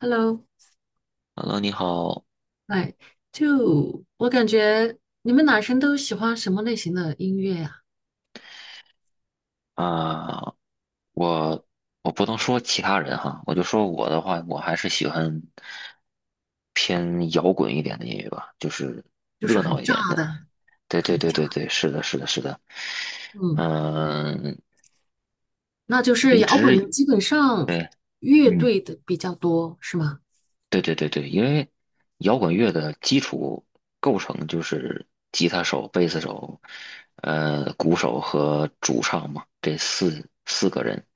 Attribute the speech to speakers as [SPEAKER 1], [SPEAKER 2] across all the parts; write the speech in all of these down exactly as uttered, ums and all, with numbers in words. [SPEAKER 1] Hello，
[SPEAKER 2] Hello，你好
[SPEAKER 1] 哎，就我感觉你们男生都喜欢什么类型的音乐呀、
[SPEAKER 2] 啊，我我不能说其他人哈，我就说我的话，我还是喜欢偏摇滚一点的音乐吧，就是
[SPEAKER 1] 就是
[SPEAKER 2] 热
[SPEAKER 1] 很
[SPEAKER 2] 闹一点
[SPEAKER 1] 炸
[SPEAKER 2] 的。
[SPEAKER 1] 的，
[SPEAKER 2] 对
[SPEAKER 1] 很
[SPEAKER 2] 对对
[SPEAKER 1] 炸。
[SPEAKER 2] 对对，是的，是的，是的。
[SPEAKER 1] 嗯，
[SPEAKER 2] 嗯，
[SPEAKER 1] 那就是
[SPEAKER 2] 离
[SPEAKER 1] 摇滚的，
[SPEAKER 2] 职，
[SPEAKER 1] 基本上乐
[SPEAKER 2] 嗯，
[SPEAKER 1] 队的比较多，是吗？
[SPEAKER 2] 对对对对，因为摇滚乐的基础构成就是吉他手、贝斯手、呃，鼓手和主唱嘛，这四四个人。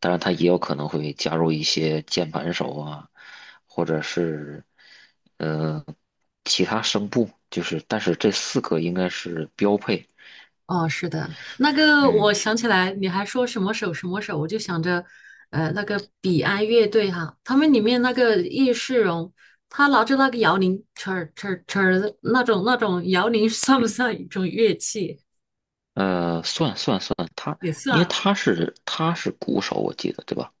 [SPEAKER 2] 当然，他也有可能会加入一些键盘手啊，或者是呃其他声部，就是但是这四个应该是标配。
[SPEAKER 1] 哦，是的。那个我
[SPEAKER 2] 嗯，
[SPEAKER 1] 想起来，你还说什么手什么手，我就想着，呃，那个彼岸乐队哈、他们里面那个叶世荣，他拿着那个摇铃，呲儿呲儿呲儿的那种那种摇铃，算不算一种乐器？
[SPEAKER 2] 呃，算算算，他
[SPEAKER 1] 也
[SPEAKER 2] 因为
[SPEAKER 1] 算。
[SPEAKER 2] 他是他是鼓手，我记得对吧？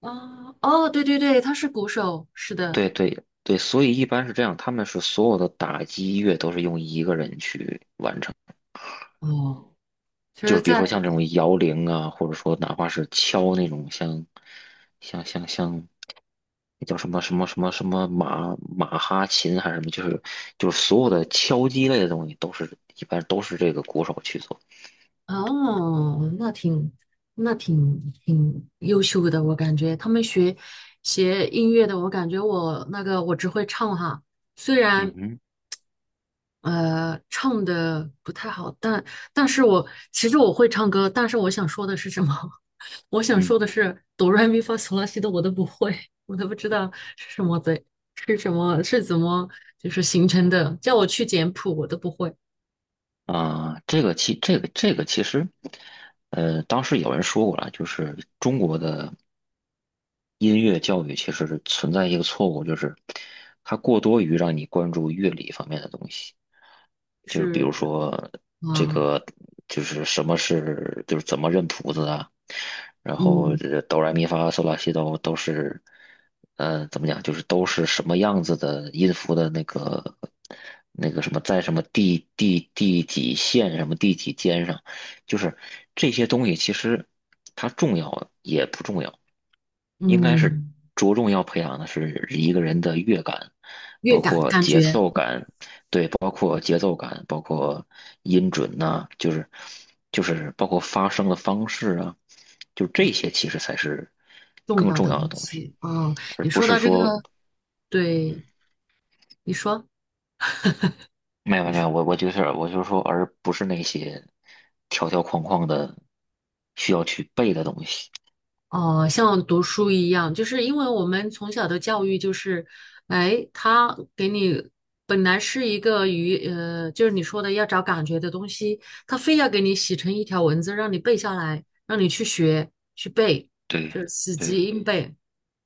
[SPEAKER 1] 啊，哦，对对对，他是鼓手，是的。
[SPEAKER 2] 对对对，所以一般是这样，他们是所有的打击乐都是用一个人去完成，
[SPEAKER 1] 哦，其
[SPEAKER 2] 就
[SPEAKER 1] 实，
[SPEAKER 2] 是比如
[SPEAKER 1] 在，
[SPEAKER 2] 说像这种摇铃啊，或者说哪怕是敲那种像像像像那叫什么什么什么什么马马哈琴还是什么，就是就是所有的敲击类的东西都是一般都是这个鼓手去做。
[SPEAKER 1] 哦，那挺那挺挺优秀的，我感觉他们学学音乐的，我感觉我那个我只会唱哈，虽
[SPEAKER 2] 嗯
[SPEAKER 1] 然
[SPEAKER 2] 哼，
[SPEAKER 1] 呃，唱的不太好，但但是我其实我会唱歌，但是我想说的是什么？我想
[SPEAKER 2] 嗯
[SPEAKER 1] 说的是哆来咪发嗦拉西哆我都不会，我都不知道是什么的，是什么是怎么就是形成的，叫我去简谱我都不会，
[SPEAKER 2] 啊，这个其这个这个其实，呃，当时有人说过了，就是中国的。音乐教育其实是存在一个错误，就是它过多于让你关注乐理方面的东西，就是比如
[SPEAKER 1] 是
[SPEAKER 2] 说这
[SPEAKER 1] 啊，
[SPEAKER 2] 个就是什么是就是怎么认谱子啊，然后
[SPEAKER 1] 嗯
[SPEAKER 2] 这哆来咪发嗦拉西哆都是，呃，怎么讲就是都是什么样子的音符的那个那个什么在什么第第第几线什么第几间上，就是这些东西其实它重要也不重要。应该是
[SPEAKER 1] 嗯，
[SPEAKER 2] 着重要培养的是一个人的乐感，
[SPEAKER 1] 乐
[SPEAKER 2] 包
[SPEAKER 1] 感
[SPEAKER 2] 括
[SPEAKER 1] 感
[SPEAKER 2] 节
[SPEAKER 1] 觉
[SPEAKER 2] 奏感，对，包括节奏感，包括音准呐、就是就是包括发声的方式啊，就
[SPEAKER 1] 啊，
[SPEAKER 2] 这些其实才是
[SPEAKER 1] 重
[SPEAKER 2] 更
[SPEAKER 1] 要
[SPEAKER 2] 重
[SPEAKER 1] 的
[SPEAKER 2] 要的
[SPEAKER 1] 东
[SPEAKER 2] 东西，
[SPEAKER 1] 西啊，
[SPEAKER 2] 而
[SPEAKER 1] 你
[SPEAKER 2] 不
[SPEAKER 1] 说
[SPEAKER 2] 是
[SPEAKER 1] 到这个，
[SPEAKER 2] 说
[SPEAKER 1] 对，你说
[SPEAKER 2] 没有没
[SPEAKER 1] 你
[SPEAKER 2] 有没
[SPEAKER 1] 说。
[SPEAKER 2] 有，我我就是我就是说，而不是那些条条框框的需要去背的东西。
[SPEAKER 1] 哦，像读书一样，就是因为我们从小的教育就是，哎，他给你本来是一个鱼，呃，就是你说的要找感觉的东西，他非要给你写成一条文字，让你背下来，让你去学去背，
[SPEAKER 2] 对
[SPEAKER 1] 就是死
[SPEAKER 2] 对
[SPEAKER 1] 记硬背。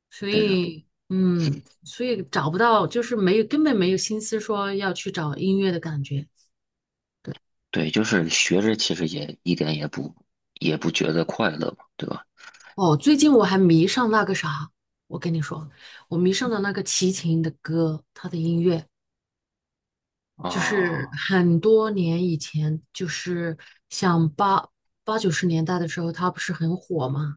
[SPEAKER 1] 所
[SPEAKER 2] 对的。
[SPEAKER 1] 以，嗯，所以找不到，就是没有，根本没有心思说要去找音乐的感觉。
[SPEAKER 2] 对，就是学着其实也一点也不也不觉得快乐嘛，对吧？
[SPEAKER 1] 哦，最近我还迷上那个啥，我跟你说，我迷上了那个齐秦的歌，他的音乐。就是
[SPEAKER 2] 啊、
[SPEAKER 1] 很多年以前，就是像八八九十年代的时候，它不是很火吗？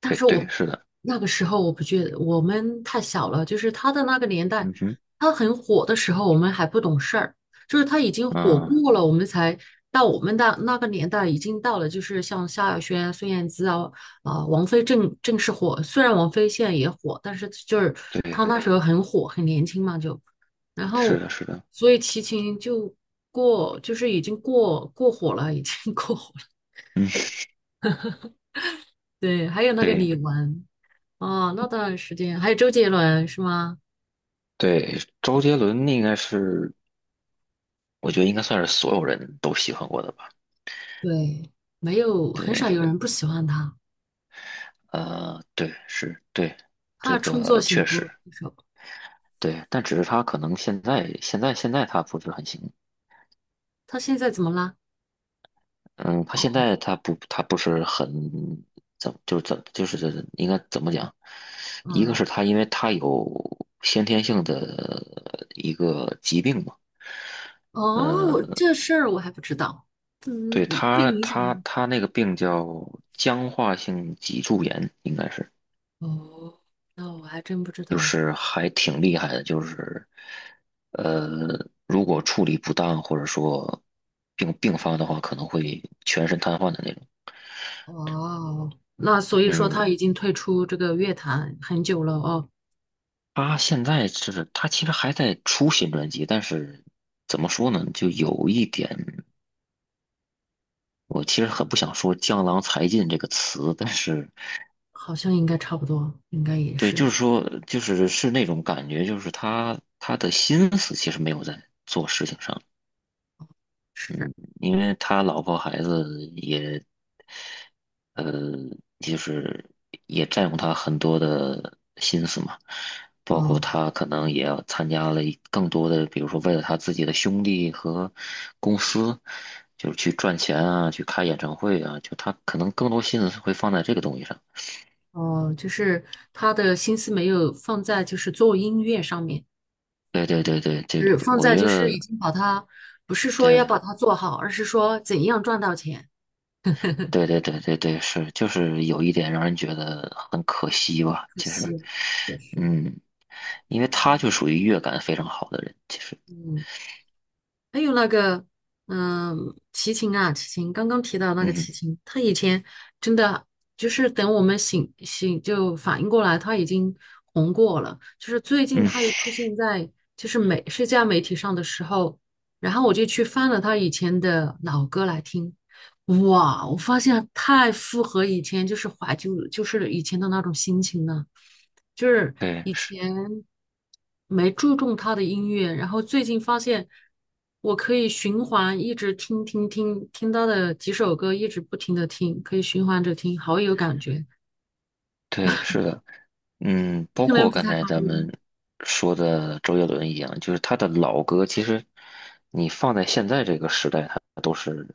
[SPEAKER 1] 但
[SPEAKER 2] 对
[SPEAKER 1] 是我
[SPEAKER 2] 对，
[SPEAKER 1] 不
[SPEAKER 2] 是的，
[SPEAKER 1] 那个时候我不觉得我们太小了，就是他的那个年代，
[SPEAKER 2] 嗯哼，
[SPEAKER 1] 他很火的时候，我们还不懂事儿，就是他已经火
[SPEAKER 2] 嗯，
[SPEAKER 1] 过了，我们才到我们的那个年代，已经到了就是像萧亚轩、孙燕姿啊啊、王菲正正式火，虽然王菲现在也火，但是就是她
[SPEAKER 2] 对，
[SPEAKER 1] 那时候很火，很年轻嘛就，然
[SPEAKER 2] 是
[SPEAKER 1] 后
[SPEAKER 2] 的，是的，
[SPEAKER 1] 所以齐秦就过就是已经过过火了，已经 过火了，
[SPEAKER 2] 嗯，
[SPEAKER 1] 对，还有那个
[SPEAKER 2] 对
[SPEAKER 1] 李玟。啊，那段时间还有周杰伦是吗？
[SPEAKER 2] 对，周杰伦应该是，我觉得应该算是所有人都喜欢过的吧。
[SPEAKER 1] 对，没有，很少
[SPEAKER 2] 对，
[SPEAKER 1] 有人不喜欢他，
[SPEAKER 2] 呃，对，是，对，
[SPEAKER 1] 他
[SPEAKER 2] 这
[SPEAKER 1] 的创作
[SPEAKER 2] 个
[SPEAKER 1] 型
[SPEAKER 2] 确实，
[SPEAKER 1] 歌手，
[SPEAKER 2] 对，但只是他可能现在现在现在他不是很行。
[SPEAKER 1] 他现在怎么啦？
[SPEAKER 2] 嗯，他现
[SPEAKER 1] 哦，
[SPEAKER 2] 在他不他不是很怎么就是怎就是应该怎么讲？一个
[SPEAKER 1] 嗯，
[SPEAKER 2] 是他因为他有先天性的一个疾病嘛，
[SPEAKER 1] 哦，
[SPEAKER 2] 呃，
[SPEAKER 1] 这事儿我还不知道，
[SPEAKER 2] 对
[SPEAKER 1] 嗯，你不
[SPEAKER 2] 他
[SPEAKER 1] 影响
[SPEAKER 2] 他
[SPEAKER 1] 吗
[SPEAKER 2] 他那个病叫僵化性脊柱炎，应该是
[SPEAKER 1] 哦，那我还真不知
[SPEAKER 2] 就
[SPEAKER 1] 道。
[SPEAKER 2] 是还挺厉害的，就是呃，如果处理不当或者说病病发的话，可能会全身瘫痪的那种。
[SPEAKER 1] 哦，那所以说
[SPEAKER 2] 嗯，
[SPEAKER 1] 他已经退出这个乐坛很久了哦，
[SPEAKER 2] 他现在是，他其实还在出新专辑，但是怎么说呢，就有一点，我其实很不想说"江郎才尽"这个词，但是
[SPEAKER 1] 好像应该差不多，应该也
[SPEAKER 2] 对，
[SPEAKER 1] 是，
[SPEAKER 2] 就是说，就是是那种感觉，就是他他的心思其实没有在做事情上，
[SPEAKER 1] 是，
[SPEAKER 2] 因为他老婆孩子也，呃，就是也占用他很多的心思嘛，包括
[SPEAKER 1] 哦
[SPEAKER 2] 他可能也要参加了一更多的，比如说为了他自己的兄弟和公司，就是去赚钱啊，去开演唱会啊，就他可能更多心思会放在这个东西上。
[SPEAKER 1] 哦，就是他的心思没有放在就是做音乐上面。
[SPEAKER 2] 对对对对对，
[SPEAKER 1] 是放
[SPEAKER 2] 我
[SPEAKER 1] 在
[SPEAKER 2] 觉
[SPEAKER 1] 就是已
[SPEAKER 2] 得
[SPEAKER 1] 经把它，不是说要
[SPEAKER 2] 对
[SPEAKER 1] 把它做好，而是说怎样赚到钱。
[SPEAKER 2] 对对对对对是，就是有一点让人觉得很可惜吧，
[SPEAKER 1] 可
[SPEAKER 2] 就是
[SPEAKER 1] 惜了，确实，
[SPEAKER 2] 嗯。因为他
[SPEAKER 1] 嗯。
[SPEAKER 2] 就属于乐感非常好的人，其实，
[SPEAKER 1] 嗯。还有那个，嗯，齐秦啊，齐秦，刚刚提到那个
[SPEAKER 2] 嗯
[SPEAKER 1] 齐秦，他以前真的就是等我们醒醒就反应过来，他已经红过了。就是最近
[SPEAKER 2] 嗯
[SPEAKER 1] 他又出现在就是美社交媒体上的时候，然后我就去翻了他以前的老歌来听，哇，我发现太符合以前就是怀旧，就是以前的那种心情了。就是
[SPEAKER 2] 对
[SPEAKER 1] 以前没注重他的音乐，然后最近发现我可以循环一直听听听听他的几首歌，一直不停的听，可以循环着听，好有感觉。
[SPEAKER 2] 对，是的，嗯，
[SPEAKER 1] 你
[SPEAKER 2] 包
[SPEAKER 1] 可能
[SPEAKER 2] 括
[SPEAKER 1] 不
[SPEAKER 2] 刚
[SPEAKER 1] 太
[SPEAKER 2] 才
[SPEAKER 1] 关注，
[SPEAKER 2] 咱们说的周杰伦一样，就是他的老歌，其实你放在现在这个时代，它都是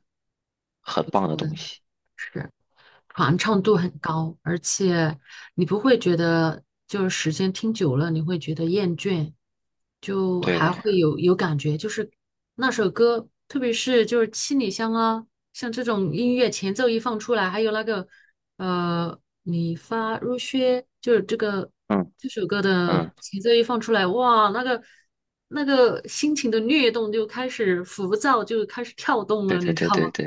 [SPEAKER 2] 很
[SPEAKER 1] 不
[SPEAKER 2] 棒的
[SPEAKER 1] 错的
[SPEAKER 2] 东西。
[SPEAKER 1] 是。传唱度很高，而且你不会觉得就是时间听久了你会觉得厌倦，就还
[SPEAKER 2] 对，
[SPEAKER 1] 会有有感觉，就是那首歌，特别是就是七里香啊，像这种音乐前奏一放出来，还有那个呃你发如雪，就是这个
[SPEAKER 2] 嗯
[SPEAKER 1] 这首歌的
[SPEAKER 2] 嗯，
[SPEAKER 1] 前奏一放出来，哇，那个那个心情的律动就开始浮躁，就开始跳动
[SPEAKER 2] 对
[SPEAKER 1] 了，
[SPEAKER 2] 对
[SPEAKER 1] 你知
[SPEAKER 2] 对
[SPEAKER 1] 道吗？
[SPEAKER 2] 对对，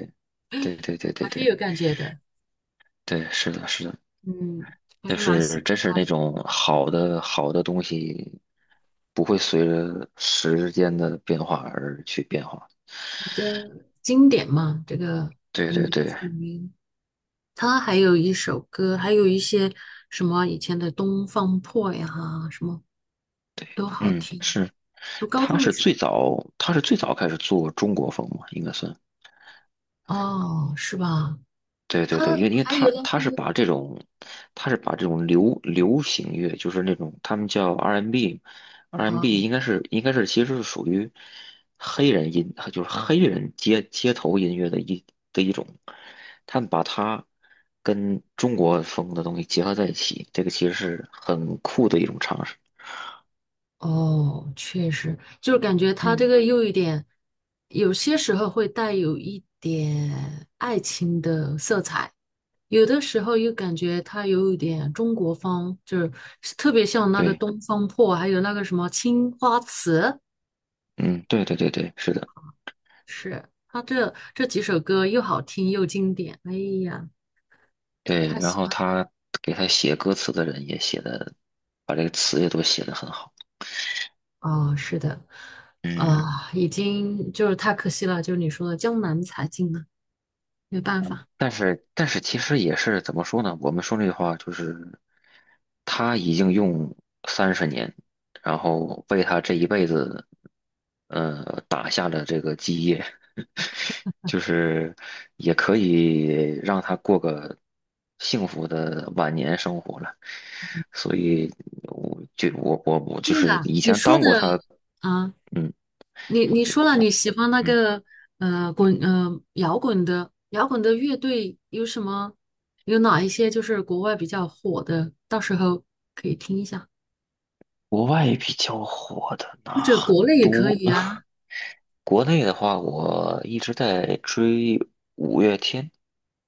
[SPEAKER 2] 对对对
[SPEAKER 1] 还
[SPEAKER 2] 对
[SPEAKER 1] 是
[SPEAKER 2] 对
[SPEAKER 1] 有感觉的。
[SPEAKER 2] 对，是的，是的，
[SPEAKER 1] 嗯，还
[SPEAKER 2] 就
[SPEAKER 1] 是蛮喜
[SPEAKER 2] 是
[SPEAKER 1] 欢
[SPEAKER 2] 真是
[SPEAKER 1] 他的
[SPEAKER 2] 那种好的好的东西，不会随着时间的变化而去变化。
[SPEAKER 1] 比较经典嘛。这个
[SPEAKER 2] 对
[SPEAKER 1] 应
[SPEAKER 2] 对
[SPEAKER 1] 该
[SPEAKER 2] 对，
[SPEAKER 1] 属于他还有一首歌，还有一些什么以前的《东方破》呀，什么
[SPEAKER 2] 对，
[SPEAKER 1] 都好
[SPEAKER 2] 嗯，
[SPEAKER 1] 听。
[SPEAKER 2] 是，
[SPEAKER 1] 读高
[SPEAKER 2] 他
[SPEAKER 1] 中的
[SPEAKER 2] 是
[SPEAKER 1] 时
[SPEAKER 2] 最早，他是最早开始做中国风嘛，应该算。
[SPEAKER 1] 候，哦，是吧？
[SPEAKER 2] 对对
[SPEAKER 1] 他
[SPEAKER 2] 对，因为因为
[SPEAKER 1] 还
[SPEAKER 2] 他
[SPEAKER 1] 有那
[SPEAKER 2] 他
[SPEAKER 1] 个。
[SPEAKER 2] 是把这种，他是把这种流流行乐，就是那种他们叫 R and B，R&B n n
[SPEAKER 1] 呃
[SPEAKER 2] 应该是应该是其实是属于黑人音，就是黑人街街头音乐的一的一种，他们把它跟中国风的东西结合在一起，这个其实是很酷的一种尝试。
[SPEAKER 1] 哦，确实，就是感觉他这
[SPEAKER 2] 嗯，
[SPEAKER 1] 个又一点，有些时候会带有一点爱情的色彩，有的时候又感觉他有一点中国风，就是特别像那个
[SPEAKER 2] 对，
[SPEAKER 1] 《东方破》，还有那个什么《青花瓷》，
[SPEAKER 2] 嗯，对对对对，是的。
[SPEAKER 1] 是他这这几首歌又好听又经典，哎呀，
[SPEAKER 2] 对，
[SPEAKER 1] 太
[SPEAKER 2] 然
[SPEAKER 1] 喜
[SPEAKER 2] 后
[SPEAKER 1] 欢
[SPEAKER 2] 他给他写歌词的人也写的，把这个词也都写得很好。
[SPEAKER 1] 哦，是的，
[SPEAKER 2] 嗯，
[SPEAKER 1] 啊，已经就是太可惜了，就是你说的江南才尽了，没办法。
[SPEAKER 2] 但是但是其实也是怎么说呢？我们说那句话就是，他已经用三十年，然后为他这一辈子，呃，打下了这个基业，就是也可以让他过个幸福的晚年生活了。所以我就我我我就
[SPEAKER 1] 对
[SPEAKER 2] 是
[SPEAKER 1] 了，
[SPEAKER 2] 以
[SPEAKER 1] 你
[SPEAKER 2] 前
[SPEAKER 1] 说
[SPEAKER 2] 当
[SPEAKER 1] 的
[SPEAKER 2] 过他
[SPEAKER 1] 啊，
[SPEAKER 2] 嗯，
[SPEAKER 1] 你
[SPEAKER 2] 我
[SPEAKER 1] 你
[SPEAKER 2] 就
[SPEAKER 1] 说了你
[SPEAKER 2] 我
[SPEAKER 1] 喜欢那
[SPEAKER 2] 嗯，
[SPEAKER 1] 个呃滚呃摇滚的摇滚的乐队有什么？有哪一些就是国外比较火的？到时候你想，
[SPEAKER 2] 国外比较火的
[SPEAKER 1] 或
[SPEAKER 2] 那
[SPEAKER 1] 者国
[SPEAKER 2] 很
[SPEAKER 1] 内也可
[SPEAKER 2] 多，
[SPEAKER 1] 以 啊。
[SPEAKER 2] 国内的话，我一直在追五月天。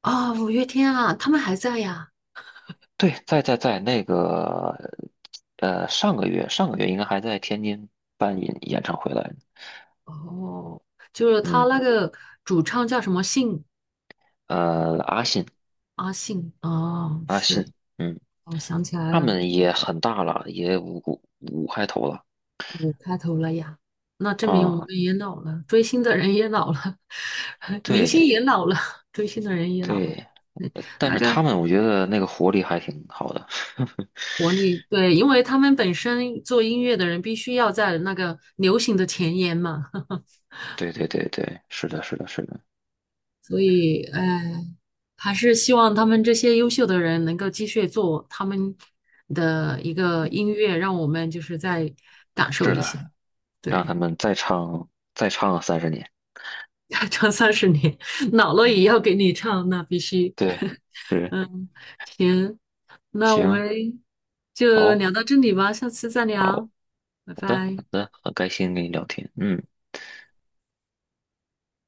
[SPEAKER 1] 啊、五月天啊，他们还在呀。
[SPEAKER 2] 对，在在在那个，呃，上个月上个月应该还在天津办演演唱会来着。
[SPEAKER 1] 哦，就是他
[SPEAKER 2] 嗯，
[SPEAKER 1] 那个主唱叫什么信？
[SPEAKER 2] 呃，阿信
[SPEAKER 1] 阿信。哦，
[SPEAKER 2] 阿信，
[SPEAKER 1] 是，
[SPEAKER 2] 嗯，
[SPEAKER 1] 我想起来
[SPEAKER 2] 他
[SPEAKER 1] 了。
[SPEAKER 2] 们也很大了，也五五五开头了
[SPEAKER 1] 嗯，开头了呀，那证明我们
[SPEAKER 2] 啊。
[SPEAKER 1] 也老了，追星的人也老了，明星
[SPEAKER 2] 对
[SPEAKER 1] 也老了，追星的人也老了。
[SPEAKER 2] 对，
[SPEAKER 1] 嗯，
[SPEAKER 2] 呃但
[SPEAKER 1] 那
[SPEAKER 2] 是
[SPEAKER 1] 个
[SPEAKER 2] 他们我觉得那个活力还挺好的。
[SPEAKER 1] 国内，对，因为他们本身做音乐的人必须要在那个流行的前沿嘛，
[SPEAKER 2] 对对对对，是的，是的，是的，
[SPEAKER 1] 所以，哎，还是希望他们这些优秀的人能够继续做他们的一个音乐，让我们就是再感受
[SPEAKER 2] 是
[SPEAKER 1] 一
[SPEAKER 2] 的，
[SPEAKER 1] 些，
[SPEAKER 2] 让他
[SPEAKER 1] 对，
[SPEAKER 2] 们再唱再唱啊三十年。
[SPEAKER 1] 唱三十年，老了也
[SPEAKER 2] 嗯，
[SPEAKER 1] 要给你唱，那必须。
[SPEAKER 2] 对，是，
[SPEAKER 1] 嗯，行，那我
[SPEAKER 2] 行，
[SPEAKER 1] 们就
[SPEAKER 2] 好，
[SPEAKER 1] 聊到这里吧，下次再聊，
[SPEAKER 2] 好
[SPEAKER 1] 拜
[SPEAKER 2] 的，
[SPEAKER 1] 拜。
[SPEAKER 2] 好的，很开心跟你聊天。嗯。